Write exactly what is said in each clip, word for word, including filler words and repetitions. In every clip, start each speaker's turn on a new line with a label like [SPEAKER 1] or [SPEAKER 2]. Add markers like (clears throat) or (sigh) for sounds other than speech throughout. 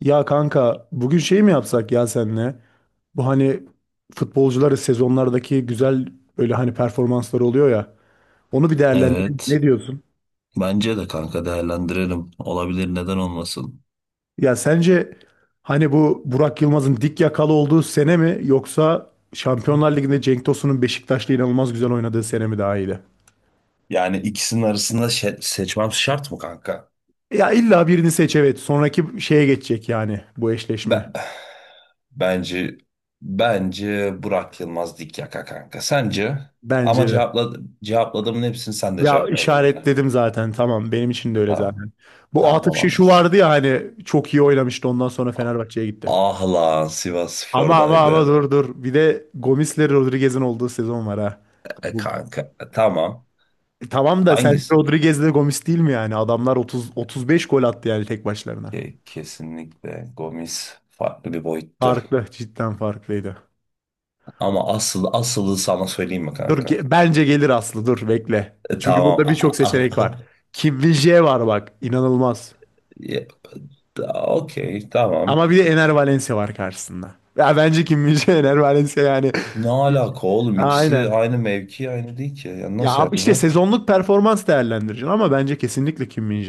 [SPEAKER 1] Ya kanka bugün şey mi yapsak ya senle? Bu hani futbolcuları sezonlardaki güzel öyle hani performansları oluyor ya. Onu bir değerlendirelim.
[SPEAKER 2] Evet.
[SPEAKER 1] Ne diyorsun?
[SPEAKER 2] Bence de kanka değerlendirelim. Olabilir neden olmasın?
[SPEAKER 1] Ya sence hani bu Burak Yılmaz'ın dik yakalı olduğu sene mi yoksa Şampiyonlar Ligi'nde Cenk Tosun'un Beşiktaş'la inanılmaz güzel oynadığı sene mi daha iyiydi?
[SPEAKER 2] Yani ikisinin arasında şe- seçmem şart mı kanka?
[SPEAKER 1] Ya illa birini seç, evet. Sonraki şeye geçecek yani bu eşleşme.
[SPEAKER 2] Ben, bence bence Burak Yılmaz dik yaka kanka. Sence? Ama
[SPEAKER 1] Bence de.
[SPEAKER 2] cevapla, cevapladığımın hepsini sen de
[SPEAKER 1] Ya
[SPEAKER 2] cevapla benimle.
[SPEAKER 1] işaretledim zaten, tamam, benim için de öyle
[SPEAKER 2] Tamam.
[SPEAKER 1] zaten. Bu
[SPEAKER 2] Tamam
[SPEAKER 1] Atıf şu
[SPEAKER 2] olamaz.
[SPEAKER 1] vardı ya hani çok iyi oynamıştı, ondan sonra Fenerbahçe'ye gitti.
[SPEAKER 2] Ah lan
[SPEAKER 1] Ama ama ama
[SPEAKER 2] Sivasspor'daydı.
[SPEAKER 1] dur dur bir de Gomis'le Rodriguez'in olduğu sezon var ha.
[SPEAKER 2] E
[SPEAKER 1] Bu,
[SPEAKER 2] kanka. E, tamam.
[SPEAKER 1] E tamam da, sen
[SPEAKER 2] Hangisi?
[SPEAKER 1] Rodriguez'le Gomis değil mi yani? Adamlar otuz otuz beş gol attı yani tek başlarına.
[SPEAKER 2] Ke- kesinlikle Gomis farklı bir boyuttu.
[SPEAKER 1] Farklı, cidden farklıydı.
[SPEAKER 2] Ama asıl asılı sana söyleyeyim mi
[SPEAKER 1] Dur
[SPEAKER 2] kanka?
[SPEAKER 1] ge- bence gelir Aslı, dur bekle.
[SPEAKER 2] E,
[SPEAKER 1] Çünkü
[SPEAKER 2] tamam.
[SPEAKER 1] burada birçok seçenek var.
[SPEAKER 2] (laughs)
[SPEAKER 1] Kim Min-jae var bak, inanılmaz.
[SPEAKER 2] Ya, ta- Okey tamam.
[SPEAKER 1] Ama bir de Ener Valencia var karşısında. Ya bence Kim min (laughs) Ener Valencia yani.
[SPEAKER 2] Ne alaka
[SPEAKER 1] (laughs)
[SPEAKER 2] oğlum? İkisi
[SPEAKER 1] Aynen.
[SPEAKER 2] aynı mevki aynı değil ki. Ya
[SPEAKER 1] Ya
[SPEAKER 2] nasıl
[SPEAKER 1] abi işte
[SPEAKER 2] yapacaksın?
[SPEAKER 1] sezonluk performans değerlendireceksin ama bence kesinlikle Kim min.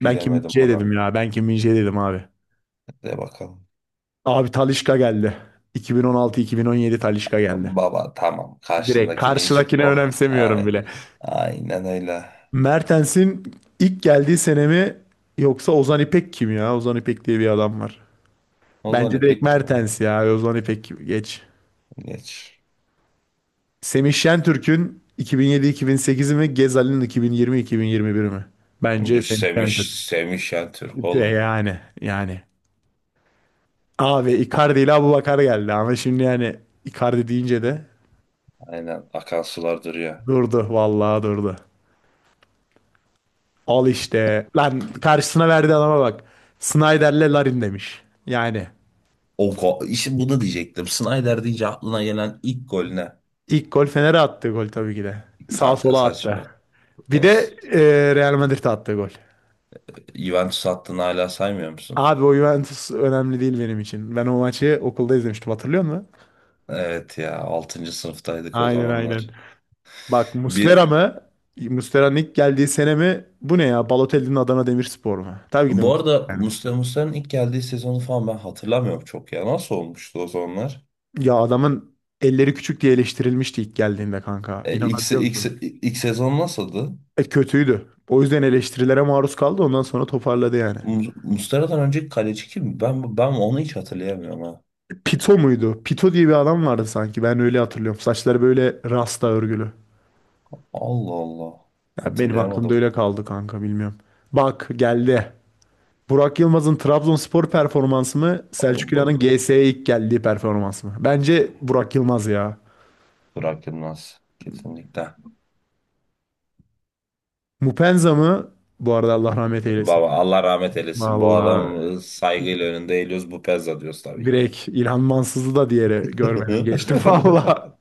[SPEAKER 1] Ben Kim min
[SPEAKER 2] Bilemedim
[SPEAKER 1] dedim
[SPEAKER 2] buna.
[SPEAKER 1] ya. Ben Kim min dedim abi.
[SPEAKER 2] De bakalım.
[SPEAKER 1] Abi Talisca geldi. iki bin on altı-iki bin on yedi Talisca geldi.
[SPEAKER 2] Baba tamam.
[SPEAKER 1] Direkt
[SPEAKER 2] Karşındakini hiç...
[SPEAKER 1] karşıdakini
[SPEAKER 2] Oh.
[SPEAKER 1] önemsemiyorum
[SPEAKER 2] Ay.
[SPEAKER 1] bile.
[SPEAKER 2] Aynen öyle.
[SPEAKER 1] Mertens'in ilk geldiği sene mi yoksa Ozan İpek kim ya? Ozan İpek diye bir adam var.
[SPEAKER 2] Ozan
[SPEAKER 1] Bence direkt
[SPEAKER 2] İpek kim, oğlum?
[SPEAKER 1] Mertens ya. Ozan İpek geç.
[SPEAKER 2] Geç.
[SPEAKER 1] Semih Şentürk'ün iki bin yedi iki bin sekizi mi? Gezal'in iki bin yirmi iki bin yirmi biri mi? Bence Semih
[SPEAKER 2] Semiş,
[SPEAKER 1] Şentürk.
[SPEAKER 2] Semih Şentürk
[SPEAKER 1] De
[SPEAKER 2] oğlum.
[SPEAKER 1] yani yani. Abi Icardi ile Abubakar geldi ama şimdi yani Icardi deyince de
[SPEAKER 2] Aynen akan sular duruyor.
[SPEAKER 1] durdu, vallahi durdu. Al işte. Lan karşısına verdiği adama bak. Snyder'le Larin demiş. Yani
[SPEAKER 2] O, go- işte bunu diyecektim. Snyder deyince aklına gelen ilk gol ne?
[SPEAKER 1] ilk gol Fener'e attığı gol tabii ki de. Sağ
[SPEAKER 2] Kanka
[SPEAKER 1] sola attı.
[SPEAKER 2] saçma.
[SPEAKER 1] Bir de
[SPEAKER 2] Dost.
[SPEAKER 1] e, Real Madrid'e attığı gol.
[SPEAKER 2] Juventus hattını hala saymıyor musun?
[SPEAKER 1] Abi o Juventus önemli değil benim için. Ben o maçı okulda izlemiştim, hatırlıyor musun?
[SPEAKER 2] Evet ya altıncı sınıftaydık o
[SPEAKER 1] Aynen aynen.
[SPEAKER 2] zamanlar.
[SPEAKER 1] Bak Muslera
[SPEAKER 2] Bir
[SPEAKER 1] mı? Muslera'nın ilk geldiği sene mi? Bu ne ya? Balotelli'nin Adana Demirspor mu? Tabii ki de
[SPEAKER 2] bu
[SPEAKER 1] Muslera
[SPEAKER 2] arada
[SPEAKER 1] yani.
[SPEAKER 2] Muslera Muslera'nın ilk geldiği sezonu falan ben hatırlamıyorum çok ya. Nasıl olmuştu o zamanlar?
[SPEAKER 1] Ya adamın elleri küçük diye eleştirilmişti ilk geldiğinde kanka.
[SPEAKER 2] E, ilk, se-
[SPEAKER 1] İnanabiliyor
[SPEAKER 2] ilk,
[SPEAKER 1] musun?
[SPEAKER 2] se- ilk sezon nasıldı?
[SPEAKER 1] E kötüydü. O yüzden eleştirilere maruz kaldı. Ondan sonra toparladı yani.
[SPEAKER 2] Mu- Muslera'dan önceki kaleci kim? Ben ben onu hiç hatırlayamıyorum ha.
[SPEAKER 1] Pito muydu? Pito diye bir adam vardı sanki. Ben öyle hatırlıyorum. Saçları böyle rasta örgülü.
[SPEAKER 2] Allah Allah.
[SPEAKER 1] Ya benim aklımda
[SPEAKER 2] Hatırlayamadım.
[SPEAKER 1] öyle kaldı kanka, bilmiyorum. Bak geldi. Burak Yılmaz'ın Trabzonspor performansı mı? Selçuk
[SPEAKER 2] Bu
[SPEAKER 1] İnan'ın G S'ye ilk geldiği performans mı? Bence Burak Yılmaz ya.
[SPEAKER 2] Burak Yılmaz kesinlikle.
[SPEAKER 1] Mupenza mı? Bu arada Allah rahmet eylesin.
[SPEAKER 2] Baba Allah rahmet eylesin. Bu
[SPEAKER 1] Vallahi
[SPEAKER 2] adamı saygıyla önünde eğiliyoruz. Bu Pezza diyoruz tabii ki de.
[SPEAKER 1] direkt İlhan Mansız'ı da, diğeri görmedim, geçtim (laughs)
[SPEAKER 2] (laughs)
[SPEAKER 1] valla.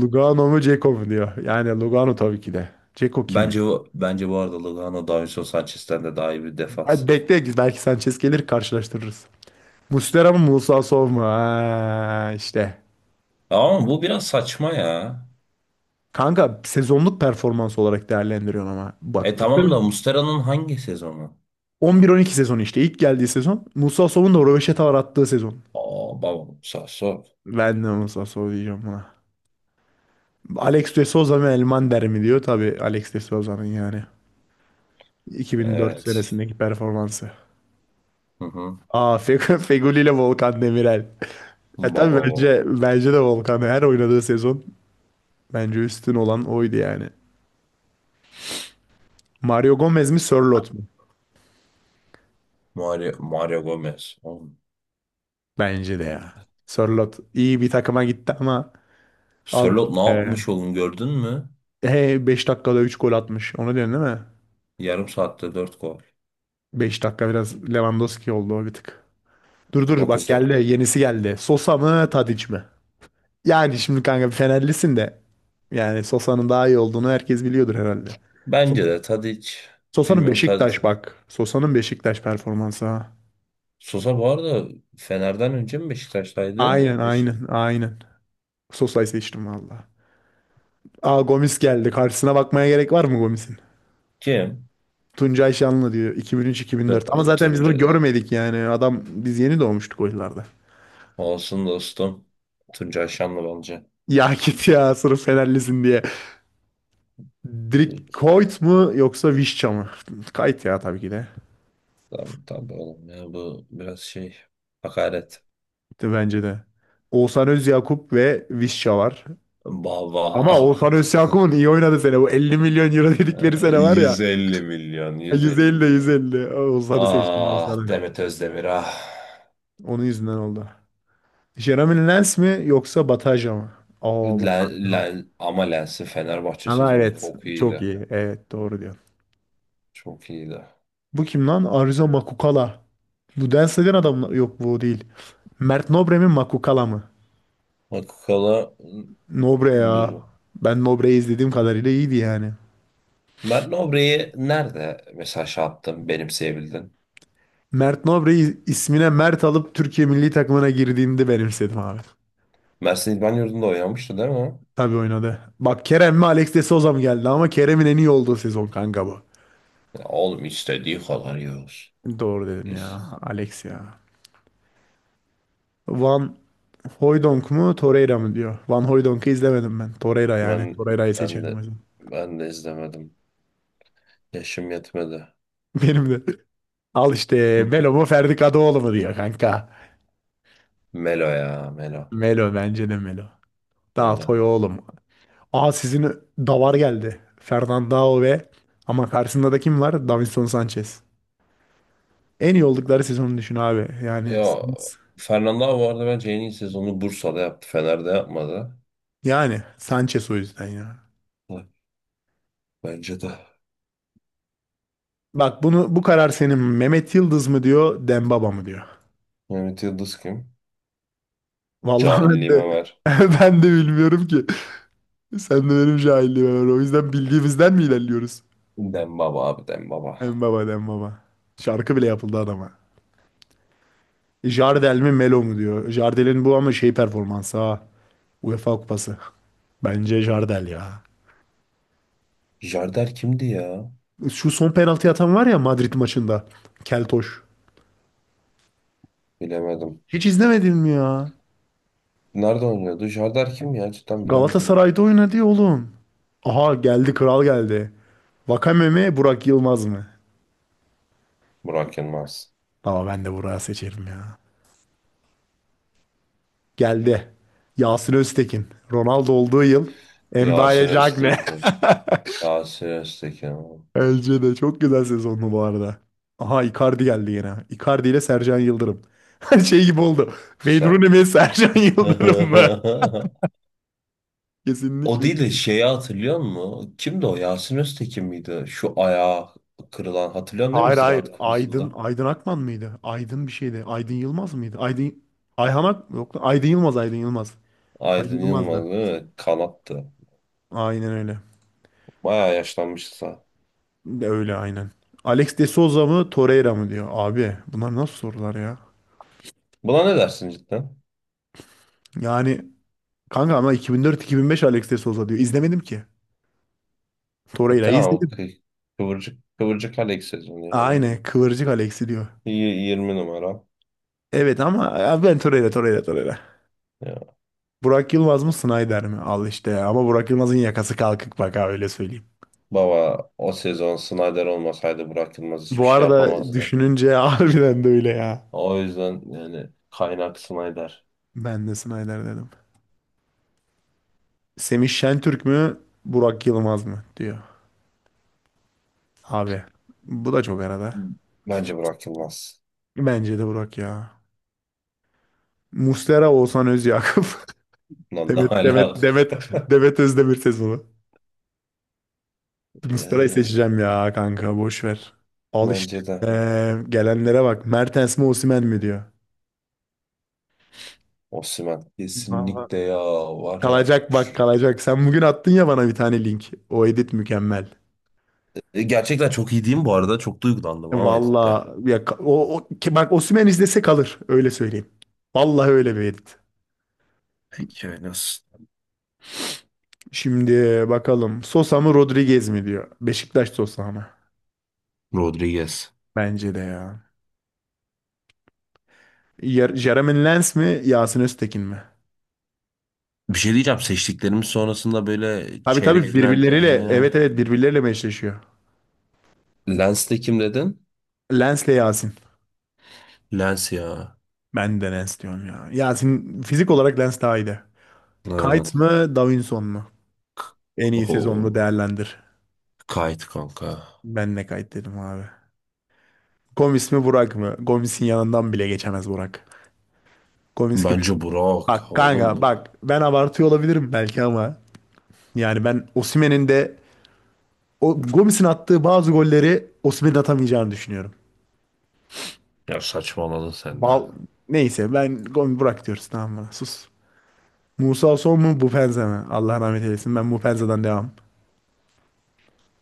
[SPEAKER 1] Lugano mu Ceko mu diyor. Yani Lugano tabii ki de. Ceko kim ya?
[SPEAKER 2] Bence bu, bence bu arada Lugano Davinson Sanchez'ten de daha iyi bir defans.
[SPEAKER 1] Hadi bekle, belki Sanchez gelir karşılaştırırız. Muslera mı Musa Sow mu? Ha, işte.
[SPEAKER 2] Ama bu biraz saçma ya.
[SPEAKER 1] Kanka sezonluk performans olarak değerlendiriyorsun ama.
[SPEAKER 2] E
[SPEAKER 1] Bak
[SPEAKER 2] tamam da
[SPEAKER 1] Muslera
[SPEAKER 2] Mustera'nın hangi sezonu?
[SPEAKER 1] on bir on iki sezonu işte ilk geldiği sezon. Musa Sow'un da röveşata uğrattığı sezon.
[SPEAKER 2] Aa baba Sasso.
[SPEAKER 1] Ben de Musa Sow diyeceğim buna. Alex de Souza mı Elmander mi diyor. Tabii Alex de Souza'nın yani. iki bin dört, evet,
[SPEAKER 2] Evet.
[SPEAKER 1] senesindeki performansı.
[SPEAKER 2] Hı hı.
[SPEAKER 1] Aa Fe (laughs) Feguli ile Volkan Demirel. (laughs) E
[SPEAKER 2] Baba
[SPEAKER 1] tabii
[SPEAKER 2] o.
[SPEAKER 1] bence, bence de Volkan her oynadığı sezon bence üstün olan oydu yani. Mario Gomez mi Sörloth mu?
[SPEAKER 2] Mario, Mario Gomez. Oğlum,
[SPEAKER 1] Bence de ya. Sörloth iyi bir takıma gitti ama al.
[SPEAKER 2] Sörloth ne
[SPEAKER 1] Ee,
[SPEAKER 2] yapmış oğlum gördün mü?
[SPEAKER 1] He, beş dakikada üç gol atmış. Onu diyorsun değil mi?
[SPEAKER 2] Yarım saatte dört gol.
[SPEAKER 1] Beş dakika biraz Lewandowski oldu, o bir tık. Dur dur bak
[SPEAKER 2] Dokuz dakika.
[SPEAKER 1] geldi yenisi geldi. Sosa mı Tadic mi? Yani şimdi kanka Fenerlisin de yani Sosa'nın daha iyi olduğunu herkes biliyordur herhalde. So-
[SPEAKER 2] Bence de Tadic.
[SPEAKER 1] Sosa'nın
[SPEAKER 2] Bilmiyorum.
[SPEAKER 1] Beşiktaş bak. Sosa'nın Beşiktaş performansı ha.
[SPEAKER 2] Sosa bu arada Fener'den önce mi Beşiktaş'taydı?
[SPEAKER 1] Aynen
[SPEAKER 2] Beşik
[SPEAKER 1] aynen aynen. Sosa'yı seçtim valla. Aa Gomis geldi. Karşısına bakmaya gerek var mı Gomis'in?
[SPEAKER 2] kim?
[SPEAKER 1] Tuncay Şanlı diyor iki bin üç-iki bin dört. Ama
[SPEAKER 2] T-
[SPEAKER 1] zaten biz bunu
[SPEAKER 2] Tunca.
[SPEAKER 1] görmedik yani. Adam biz yeni doğmuştuk o yıllarda.
[SPEAKER 2] Olsun dostum. Tuncay Şanlıbelci.
[SPEAKER 1] Ya git ya sırf Fenerlisin diye. Direkt
[SPEAKER 2] Peki.
[SPEAKER 1] Koyt mu yoksa Vişça mı? Kayıt ya, tabii ki de.
[SPEAKER 2] Tabii tabii oğlum ya bu biraz şey hakaret.
[SPEAKER 1] De bence de. Oğuzhan Özyakup ve Vişça var.
[SPEAKER 2] Baba.
[SPEAKER 1] Ama Oğuzhan Özyakup'un iyi oynadığı sene. Bu elli milyon euro dedikleri
[SPEAKER 2] (laughs)
[SPEAKER 1] sene var ya.
[SPEAKER 2] yüz elli milyon,
[SPEAKER 1] İyi.
[SPEAKER 2] yüz elli
[SPEAKER 1] yüz elli de
[SPEAKER 2] milyon.
[SPEAKER 1] yüz elli. Oğuzhan'ı, hı, seçtim
[SPEAKER 2] Ah
[SPEAKER 1] Oğuzhan'ı.
[SPEAKER 2] Demet Özdemir ah.
[SPEAKER 1] Onun yüzünden oldu. Jeremy Lens mi yoksa Bataja mı? Aa
[SPEAKER 2] Len,
[SPEAKER 1] Bataja.
[SPEAKER 2] len, ama Lens'in Fenerbahçe
[SPEAKER 1] Ama
[SPEAKER 2] sezonu
[SPEAKER 1] evet.
[SPEAKER 2] çok
[SPEAKER 1] Çok
[SPEAKER 2] iyiydi.
[SPEAKER 1] iyi. Evet doğru diyorsun.
[SPEAKER 2] Çok iyiydi.
[SPEAKER 1] Bu kim lan? Arıza Makukala. Bu dans eden adam mı? Yok bu değil. Mert Nobre mi Makukala mı?
[SPEAKER 2] Akakalı
[SPEAKER 1] Nobre ya. Ben Nobre'yi izlediğim kadarıyla iyiydi yani.
[SPEAKER 2] Mert Nobre'yi nerede mesela şey yaptın, benimseyebildin?
[SPEAKER 1] Mert Nobre'yi ismine Mert alıp Türkiye milli takımına girdiğinde benimsedim abi.
[SPEAKER 2] Mersin İdman Yurdu'nda oynamıştı değil mi?
[SPEAKER 1] Tabii oynadı. Bak Kerem mi Alex de Souza mı geldi ama Kerem'in en iyi olduğu sezon kanka bu.
[SPEAKER 2] Ya oğlum istediği kadar yiyoruz.
[SPEAKER 1] Doğru dedin
[SPEAKER 2] Biz.
[SPEAKER 1] ya. Alex ya. Van Hooijdonk mu Torreira mı diyor. Van Hooijdonk'u izlemedim ben. Torreira yani.
[SPEAKER 2] Ben,
[SPEAKER 1] Torreira'yı
[SPEAKER 2] ben
[SPEAKER 1] seçelim o
[SPEAKER 2] de
[SPEAKER 1] zaman.
[SPEAKER 2] Ben de izlemedim. Yaşım yetmedi.
[SPEAKER 1] (laughs) Benim de. Al işte
[SPEAKER 2] Hı.
[SPEAKER 1] Melo mu Ferdi Kadıoğlu mu diyor kanka.
[SPEAKER 2] Melo ya Melo.
[SPEAKER 1] Melo, bence de Melo. Daha
[SPEAKER 2] Melo.
[SPEAKER 1] oğlum. Aa sizin davar geldi. Fernandao ve ama karşısında da kim var? Davinson Sanchez. En iyi oldukları sezonu düşün abi. Yani
[SPEAKER 2] Ya Fernando abi bu arada bence en iyi sezonu Bursa'da yaptı. Fener'de yapmadı.
[SPEAKER 1] yani Sanchez, o yüzden ya.
[SPEAKER 2] Hı, bence de.
[SPEAKER 1] Bak bunu, bu karar senin, Mehmet Yıldız mı diyor, Dembaba mı diyor.
[SPEAKER 2] Mehmet Yıldız kim?
[SPEAKER 1] Vallahi ben
[SPEAKER 2] Cahilliğime
[SPEAKER 1] de
[SPEAKER 2] ver.
[SPEAKER 1] (laughs) ben de bilmiyorum ki. Sen de benim cahilliğim var. O yüzden bildiğimizden mi ilerliyoruz?
[SPEAKER 2] Dembaba abi Dembaba.
[SPEAKER 1] Dembaba, Dembaba. Şarkı bile yapıldı adama. Jardel mi Melo mu diyor. Jardel'in bu ama şey performansı ha. UEFA Kupası. Bence Jardel ya.
[SPEAKER 2] Jardel kimdi ya?
[SPEAKER 1] Şu son penaltı atan var ya Madrid maçında. Keltoş.
[SPEAKER 2] Bilemedim.
[SPEAKER 1] Hiç izlemedin mi ya?
[SPEAKER 2] Nerede oynuyordu? Jardar kim ya? Cidden bilemedim ha.
[SPEAKER 1] Galatasaray'da oynadı ya oğlum. Aha geldi, kral geldi. Vakame mi Burak Yılmaz mı?
[SPEAKER 2] Burak Yılmaz.
[SPEAKER 1] Ama ben de Burak'ı seçerim ya. Geldi. Yasin Öztekin. Ronaldo olduğu yıl.
[SPEAKER 2] Yasin
[SPEAKER 1] Mbaye Diagne.
[SPEAKER 2] Öztekin.
[SPEAKER 1] (laughs)
[SPEAKER 2] Yasin Öztekin. O.
[SPEAKER 1] Bence de çok güzel sezonlu bu arada. Aha Icardi geldi yine. Icardi ile Sercan Yıldırım. (laughs) Şey gibi oldu. Wayne
[SPEAKER 2] Se.
[SPEAKER 1] Rooney mi (laughs) Sercan Yıldırım mı?
[SPEAKER 2] (laughs)
[SPEAKER 1] (laughs)
[SPEAKER 2] O
[SPEAKER 1] Kesinlikle.
[SPEAKER 2] değil de şeyi hatırlıyor musun? Kimdi o? Yasin Öztekin miydi? Şu ayağı kırılan. Hatırlıyorsun değil mi?
[SPEAKER 1] Hayır hayır.
[SPEAKER 2] Ziraat
[SPEAKER 1] Aydın
[SPEAKER 2] Kupası'nda.
[SPEAKER 1] Aydın Akman mıydı? Aydın bir şeydi. Aydın Yılmaz mıydı? Aydın Ayhan Ak yok lan. Aydın Yılmaz, Aydın Yılmaz. Aydın
[SPEAKER 2] Aydın
[SPEAKER 1] Yılmaz
[SPEAKER 2] Yılmaz
[SPEAKER 1] da.
[SPEAKER 2] değil mi? Kanattı.
[SPEAKER 1] Aynen öyle.
[SPEAKER 2] Bayağı yaşlanmışsa.
[SPEAKER 1] De öyle aynen. Alex de Souza mı Torreira mı diyor. Abi bunlar nasıl sorular ya?
[SPEAKER 2] Buna ne dersin cidden?
[SPEAKER 1] Yani kanka ama iki bin dört-iki bin beş Alex de Souza diyor. İzlemedim ki.
[SPEAKER 2] E
[SPEAKER 1] Torreira'yı
[SPEAKER 2] tamam. o
[SPEAKER 1] izledim.
[SPEAKER 2] kı- Kıvırcık, kıvırcık Alex sezonu yani.
[SPEAKER 1] Aynen kıvırcık Alex'i diyor.
[SPEAKER 2] Y- yirmi numara.
[SPEAKER 1] Evet ama abi ben Torreira, Torreira, Torreira.
[SPEAKER 2] Ya.
[SPEAKER 1] Burak Yılmaz mı Snyder mi? Al işte ya. Ama Burak Yılmaz'ın yakası kalkık bak ha, öyle söyleyeyim.
[SPEAKER 2] Baba o sezon Snyder olmasaydı bırakılmaz hiçbir
[SPEAKER 1] Bu
[SPEAKER 2] şey
[SPEAKER 1] arada
[SPEAKER 2] yapamazdı.
[SPEAKER 1] düşününce (laughs) harbiden de öyle ya.
[SPEAKER 2] O yüzden yani kaynak Snyder.
[SPEAKER 1] Ben de Snyder dedim. Semih Şentürk mü Burak Yılmaz mı diyor. Abi bu da çok arada.
[SPEAKER 2] Bence bırakılmaz.
[SPEAKER 1] Bence de Burak ya. Muslera, Oğuzhan Özyakup. (laughs)
[SPEAKER 2] Lan ne
[SPEAKER 1] Demet Demet
[SPEAKER 2] alaka?
[SPEAKER 1] Demet
[SPEAKER 2] (laughs)
[SPEAKER 1] Demet Özdemir sezonu. Muslera'yı
[SPEAKER 2] Ee,
[SPEAKER 1] seçeceğim ya kanka, boş ver. Al işte.
[SPEAKER 2] Bence de
[SPEAKER 1] Ee, gelenlere bak. Mertens mi Osimhen mi diyor.
[SPEAKER 2] Osimhen.
[SPEAKER 1] Vallahi.
[SPEAKER 2] Kesinlikle ya var ya.
[SPEAKER 1] Kalacak, bak
[SPEAKER 2] Şu-
[SPEAKER 1] kalacak. Sen bugün attın ya bana bir tane link. O edit mükemmel.
[SPEAKER 2] E, gerçekten çok iyi değil mi bu arada? Çok duygulandım ama Edit'te.
[SPEAKER 1] Valla ya ka- o, o ki bak Osimhen izlese kalır, öyle söyleyeyim. Vallahi öyle bir edit.
[SPEAKER 2] Peki öyle olsun.
[SPEAKER 1] Şimdi bakalım Sosa mı Rodriguez mi diyor. Beşiktaş Sosa mı?
[SPEAKER 2] Rodriguez.
[SPEAKER 1] Bence de ya. Yer- Jeremy Lens mi Yasin Öztekin mi?
[SPEAKER 2] Bir şey diyeceğim. Seçtiklerimiz sonrasında böyle
[SPEAKER 1] Abi
[SPEAKER 2] çeyrek
[SPEAKER 1] tabii
[SPEAKER 2] final.
[SPEAKER 1] birbirleriyle, evet
[SPEAKER 2] He.
[SPEAKER 1] evet, birbirleriyle meşleşiyor.
[SPEAKER 2] Lens'te kim dedin?
[SPEAKER 1] Lens'le Yasin.
[SPEAKER 2] Lens ya.
[SPEAKER 1] Ben de Lens diyorum ya. Ya senin fizik olarak Lens daha iyiydi.
[SPEAKER 2] Aynen.
[SPEAKER 1] Kayt mı Davinson mu? En iyi sezonunu
[SPEAKER 2] Oho.
[SPEAKER 1] değerlendir.
[SPEAKER 2] Kayıt kanka.
[SPEAKER 1] Ben de Kayt dedim abi. Gomis mi Burak mı? Gomis'in yanından bile geçemez Burak. Gomis gibi.
[SPEAKER 2] Bence Burak.
[SPEAKER 1] Bak
[SPEAKER 2] Oğlum
[SPEAKER 1] kanka
[SPEAKER 2] bu.
[SPEAKER 1] bak, ben abartıyor olabilirim belki ama. Yani ben Osimhen'in de o Gomis'in attığı bazı golleri Osimhen'in atamayacağını düşünüyorum.
[SPEAKER 2] Ya saçmaladın sen de.
[SPEAKER 1] Bal, neyse ben Gomis Burak diyoruz, tamam mı? Sus. Musa Son mu Mupenza mı? Allah rahmet eylesin, ben Mupenza'dan devam.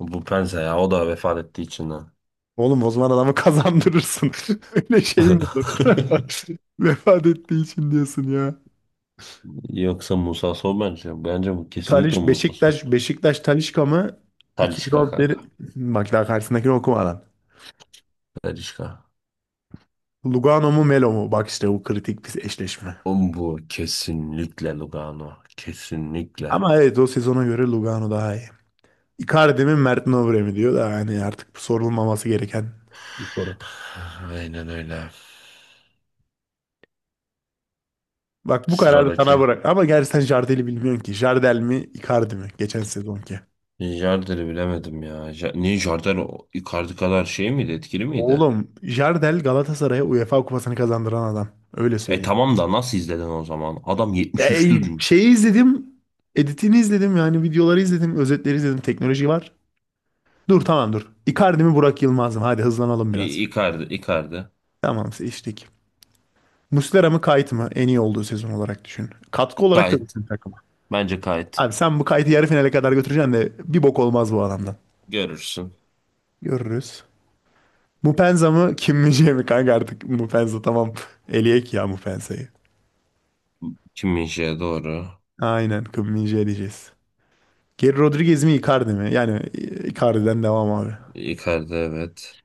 [SPEAKER 2] Bu Pense ya o da vefat ettiği için ha.
[SPEAKER 1] Oğlum o zaman adamı kazandırırsın. (laughs) Öyle şey mi olur?
[SPEAKER 2] (laughs)
[SPEAKER 1] (laughs) Vefat ettiği için diyorsun ya.
[SPEAKER 2] Yoksa Musa Sow bence. Bence bu kesinlikle
[SPEAKER 1] Taliş
[SPEAKER 2] Musa Sow.
[SPEAKER 1] Beşiktaş Beşiktaş Talişka mı?
[SPEAKER 2] Talisca
[SPEAKER 1] iki bin on bir,
[SPEAKER 2] kanka.
[SPEAKER 1] bak daha karşısındakini okumadan.
[SPEAKER 2] Talisca.
[SPEAKER 1] Lugano mu Melo mu? Bak işte bu kritik bir eşleşme.
[SPEAKER 2] Oğlum bu kesinlikle Lugano. Kesinlikle.
[SPEAKER 1] Ama evet o sezona göre Lugano daha iyi. Icardi mi Mert Nobre mi diyor da yani artık bu sorulmaması gereken bir soru.
[SPEAKER 2] Aynen öyle.
[SPEAKER 1] Bak bu kararı sana
[SPEAKER 2] Sıradaki.
[SPEAKER 1] bırak. Ama gerçi sen Jardel'i bilmiyorsun ki. Jardel mi Icardi mi? Geçen sezonki.
[SPEAKER 2] Jardel'i bilemedim ya. Ja- Niye Jardel o- Icardi kadar şey miydi? Etkili miydi?
[SPEAKER 1] Oğlum Jardel Galatasaray'a UEFA kupasını kazandıran adam. Öyle
[SPEAKER 2] E
[SPEAKER 1] söyleyeyim.
[SPEAKER 2] tamam da nasıl izledin o zaman? Adam
[SPEAKER 1] Ya,
[SPEAKER 2] yetmiş üçtü.
[SPEAKER 1] e, şeyi izledim. Editini izledim yani, videoları izledim. Özetleri izledim. Teknoloji var. Dur tamam dur. Icardi mi Burak Yılmaz mı? Hadi hızlanalım biraz.
[SPEAKER 2] İ- Icardi, Icardi.
[SPEAKER 1] Tamam, seçtik. Muslera mı Kayt mı? En iyi olduğu sezon olarak düşün. Katkı olarak da
[SPEAKER 2] Gayet.
[SPEAKER 1] düşün takıma.
[SPEAKER 2] Bence gayet.
[SPEAKER 1] Abi sen bu Kayt'ı yarı finale kadar götüreceksin de bir bok olmaz bu adamdan.
[SPEAKER 2] Görürsün.
[SPEAKER 1] Görürüz. Mupenza mı Kim min mi, kanka artık Mupenza tamam. (laughs) Eliyek ya Mupenza'yı.
[SPEAKER 2] Kim min doğru.
[SPEAKER 1] Aynen, Kim min diyeceğiz. Geri Rodriguez mi Icardi mi? Yani e, Icardi'den devam abi.
[SPEAKER 2] Icardi evet.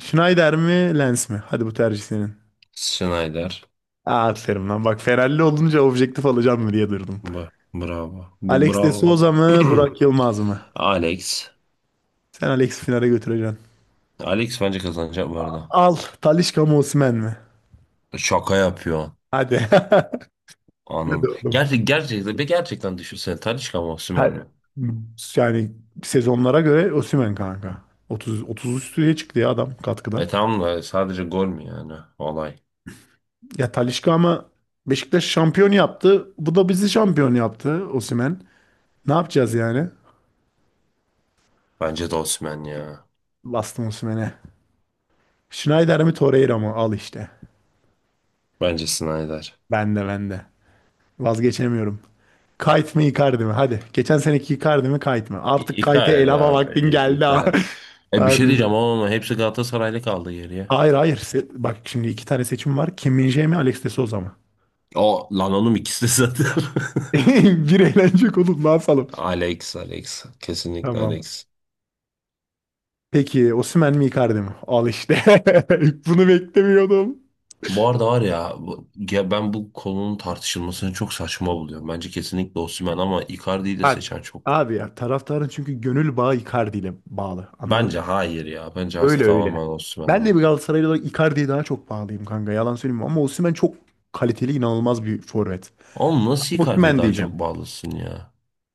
[SPEAKER 1] Schneider mi Lens mi? Hadi bu tercih senin.
[SPEAKER 2] Schneider.
[SPEAKER 1] Aa aferin lan. Bak Ferrari olunca objektif alacağım mı diye durdum.
[SPEAKER 2] Bu, bravo. Bu
[SPEAKER 1] Alex de
[SPEAKER 2] bravo bana.
[SPEAKER 1] Souza mı
[SPEAKER 2] (clears throat)
[SPEAKER 1] Burak Yılmaz mı?
[SPEAKER 2] Alex.
[SPEAKER 1] Sen Alex'i finale götüreceksin.
[SPEAKER 2] Alex bence kazanacak bu arada.
[SPEAKER 1] Al, Talisca mı Osimhen mi?
[SPEAKER 2] Şaka yapıyor.
[SPEAKER 1] Hadi. (laughs) Hadi
[SPEAKER 2] Anın.
[SPEAKER 1] oğlum.
[SPEAKER 2] Gerçek, gerçekten, be gerçekten düşünsene. Talisca mı Osimhen mi?
[SPEAKER 1] Ha- Yani sezonlara göre Osimhen kanka. otuz otuz üstüye çıktı ya adam katkıda.
[SPEAKER 2] E tamam da sadece gol mü yani? Olay.
[SPEAKER 1] Ya Talisca ama Beşiktaş şampiyon yaptı. Bu da bizi şampiyon yaptı Osimhen. Ne yapacağız yani?
[SPEAKER 2] Bence de Osimhen ya.
[SPEAKER 1] Bastım Osimhen'e. Schneider mi Torreira mı? Al işte.
[SPEAKER 2] Bence Schneider.
[SPEAKER 1] bende bende vazgeçemiyorum. Kite mi Icardi mi? Hadi. Geçen seneki Icardi mi Kite mi?
[SPEAKER 2] İ-
[SPEAKER 1] Artık Kite'e el
[SPEAKER 2] Icardi
[SPEAKER 1] hava
[SPEAKER 2] abi.
[SPEAKER 1] vaktin
[SPEAKER 2] İ-
[SPEAKER 1] geldi ha.
[SPEAKER 2] Icardi.
[SPEAKER 1] (laughs)
[SPEAKER 2] E bir şey
[SPEAKER 1] Harbiden.
[SPEAKER 2] diyeceğim ama ama hepsi Galatasaraylı kaldı geriye.
[SPEAKER 1] Hayır hayır. Se- Bak şimdi iki tane seçim var. Kim Min-jae mi Alex de Souza mı?
[SPEAKER 2] O lan oğlum ikisi de zaten.
[SPEAKER 1] (laughs) Bir eğlenecek oğlum, ne yapalım?
[SPEAKER 2] (laughs) Alex, Alex. Kesinlikle
[SPEAKER 1] Tamam.
[SPEAKER 2] Alex.
[SPEAKER 1] Peki Osimhen mi Icardi mi? Al işte. (laughs) Bunu beklemiyordum.
[SPEAKER 2] Bu arada var ya, bu- ya ben bu konunun tartışılmasını çok saçma buluyorum. Bence kesinlikle Osimhen ama Icardi'yi de
[SPEAKER 1] Bak
[SPEAKER 2] seçen çok.
[SPEAKER 1] abi ya, taraftarın çünkü gönül bağı Icardi ile bağlı. Anladın.
[SPEAKER 2] Bence hayır ya. Bence
[SPEAKER 1] Öyle
[SPEAKER 2] artık
[SPEAKER 1] öyle.
[SPEAKER 2] tamamen Osimhen
[SPEAKER 1] Ben de bir
[SPEAKER 2] ama.
[SPEAKER 1] Galatasaraylı olarak Icardi'ye daha çok bağlıyım kanka. Yalan söyleyeyim ama Osimhen çok kaliteli, inanılmaz bir forvet.
[SPEAKER 2] Oğlum nasıl Icardi'ye
[SPEAKER 1] Osimhen
[SPEAKER 2] daha çok
[SPEAKER 1] diyeceğim.
[SPEAKER 2] bağlısın ya?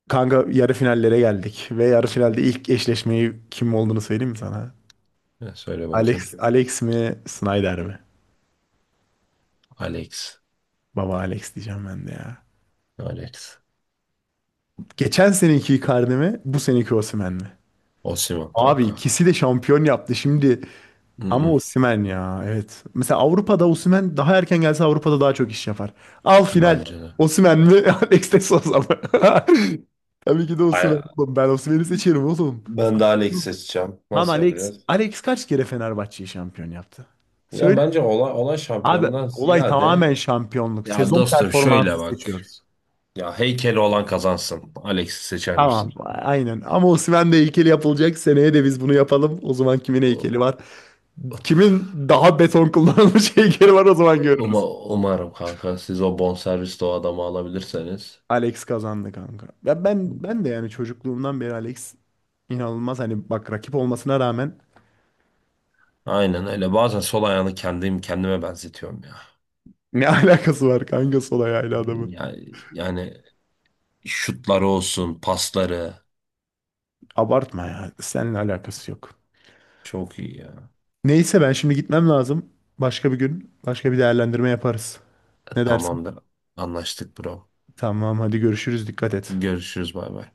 [SPEAKER 1] Kanka yarı finallere geldik ve yarı finalde ilk eşleşmeyi kim olduğunu söyleyeyim mi sana?
[SPEAKER 2] Ya söyle
[SPEAKER 1] Alex,
[SPEAKER 2] bakayım.
[SPEAKER 1] Alex mi, Snyder mi?
[SPEAKER 2] Alex.
[SPEAKER 1] Baba Alex diyeceğim ben de ya.
[SPEAKER 2] Alex.
[SPEAKER 1] Geçen seneki Icardi mi, bu seneki Osimhen mi?
[SPEAKER 2] Osimhen
[SPEAKER 1] Abi
[SPEAKER 2] kanka.
[SPEAKER 1] ikisi de şampiyon yaptı. Şimdi, ama
[SPEAKER 2] Mm-mm,
[SPEAKER 1] Osimhen ya, evet. Mesela Avrupa'da Osimhen daha erken gelse Avrupa'da daha çok iş yapar. Al final.
[SPEAKER 2] bence de.
[SPEAKER 1] Osimhen mi? (laughs) Alex de Sousa mı? (laughs) Tabii ki de Osimhen
[SPEAKER 2] Ay-
[SPEAKER 1] oğlum. Ben Osimhen'i seçerim oğlum.
[SPEAKER 2] Ben de Alex
[SPEAKER 1] Saçmalama.
[SPEAKER 2] seçeceğim.
[SPEAKER 1] Lan
[SPEAKER 2] Nasıl
[SPEAKER 1] Alex,
[SPEAKER 2] yapacağız?
[SPEAKER 1] Alex kaç kere Fenerbahçe'yi şampiyon yaptı?
[SPEAKER 2] Ya
[SPEAKER 1] Söyle.
[SPEAKER 2] bence olay, olay
[SPEAKER 1] Abi
[SPEAKER 2] şampiyondan
[SPEAKER 1] olay
[SPEAKER 2] ziyade
[SPEAKER 1] tamamen şampiyonluk.
[SPEAKER 2] ya
[SPEAKER 1] Sezon
[SPEAKER 2] dostum şöyle
[SPEAKER 1] performansı
[SPEAKER 2] bak.
[SPEAKER 1] seçiyoruz.
[SPEAKER 2] Ya heykeli olan kazansın. Alex'i seçer
[SPEAKER 1] Tamam,
[SPEAKER 2] misin?
[SPEAKER 1] aynen. Ama Osimhen de heykeli yapılacak. Seneye de biz bunu yapalım. O zaman kimin
[SPEAKER 2] Uma-
[SPEAKER 1] heykeli var? Kimin daha beton kullanılmış (laughs) heykeli var o zaman, görürüz.
[SPEAKER 2] Umarım kanka siz o bonservisli o adamı alabilirseniz.
[SPEAKER 1] Alex kazandı kanka. Ya ben ben de yani çocukluğumdan beri Alex inanılmaz hani bak rakip olmasına rağmen
[SPEAKER 2] Aynen öyle. Bazen sol ayağını kendim kendime benzetiyorum ya.
[SPEAKER 1] ne (laughs) alakası var kanka sol ayağıyla adamın.
[SPEAKER 2] Yani, yani Şutları olsun, pasları
[SPEAKER 1] Abartma ya. Seninle alakası yok.
[SPEAKER 2] çok iyi ya.
[SPEAKER 1] Neyse ben şimdi gitmem lazım. Başka bir gün başka bir değerlendirme yaparız. Ne dersin?
[SPEAKER 2] Tamamdır. Anlaştık bro.
[SPEAKER 1] Tamam hadi, görüşürüz. Dikkat et.
[SPEAKER 2] Görüşürüz bay bay.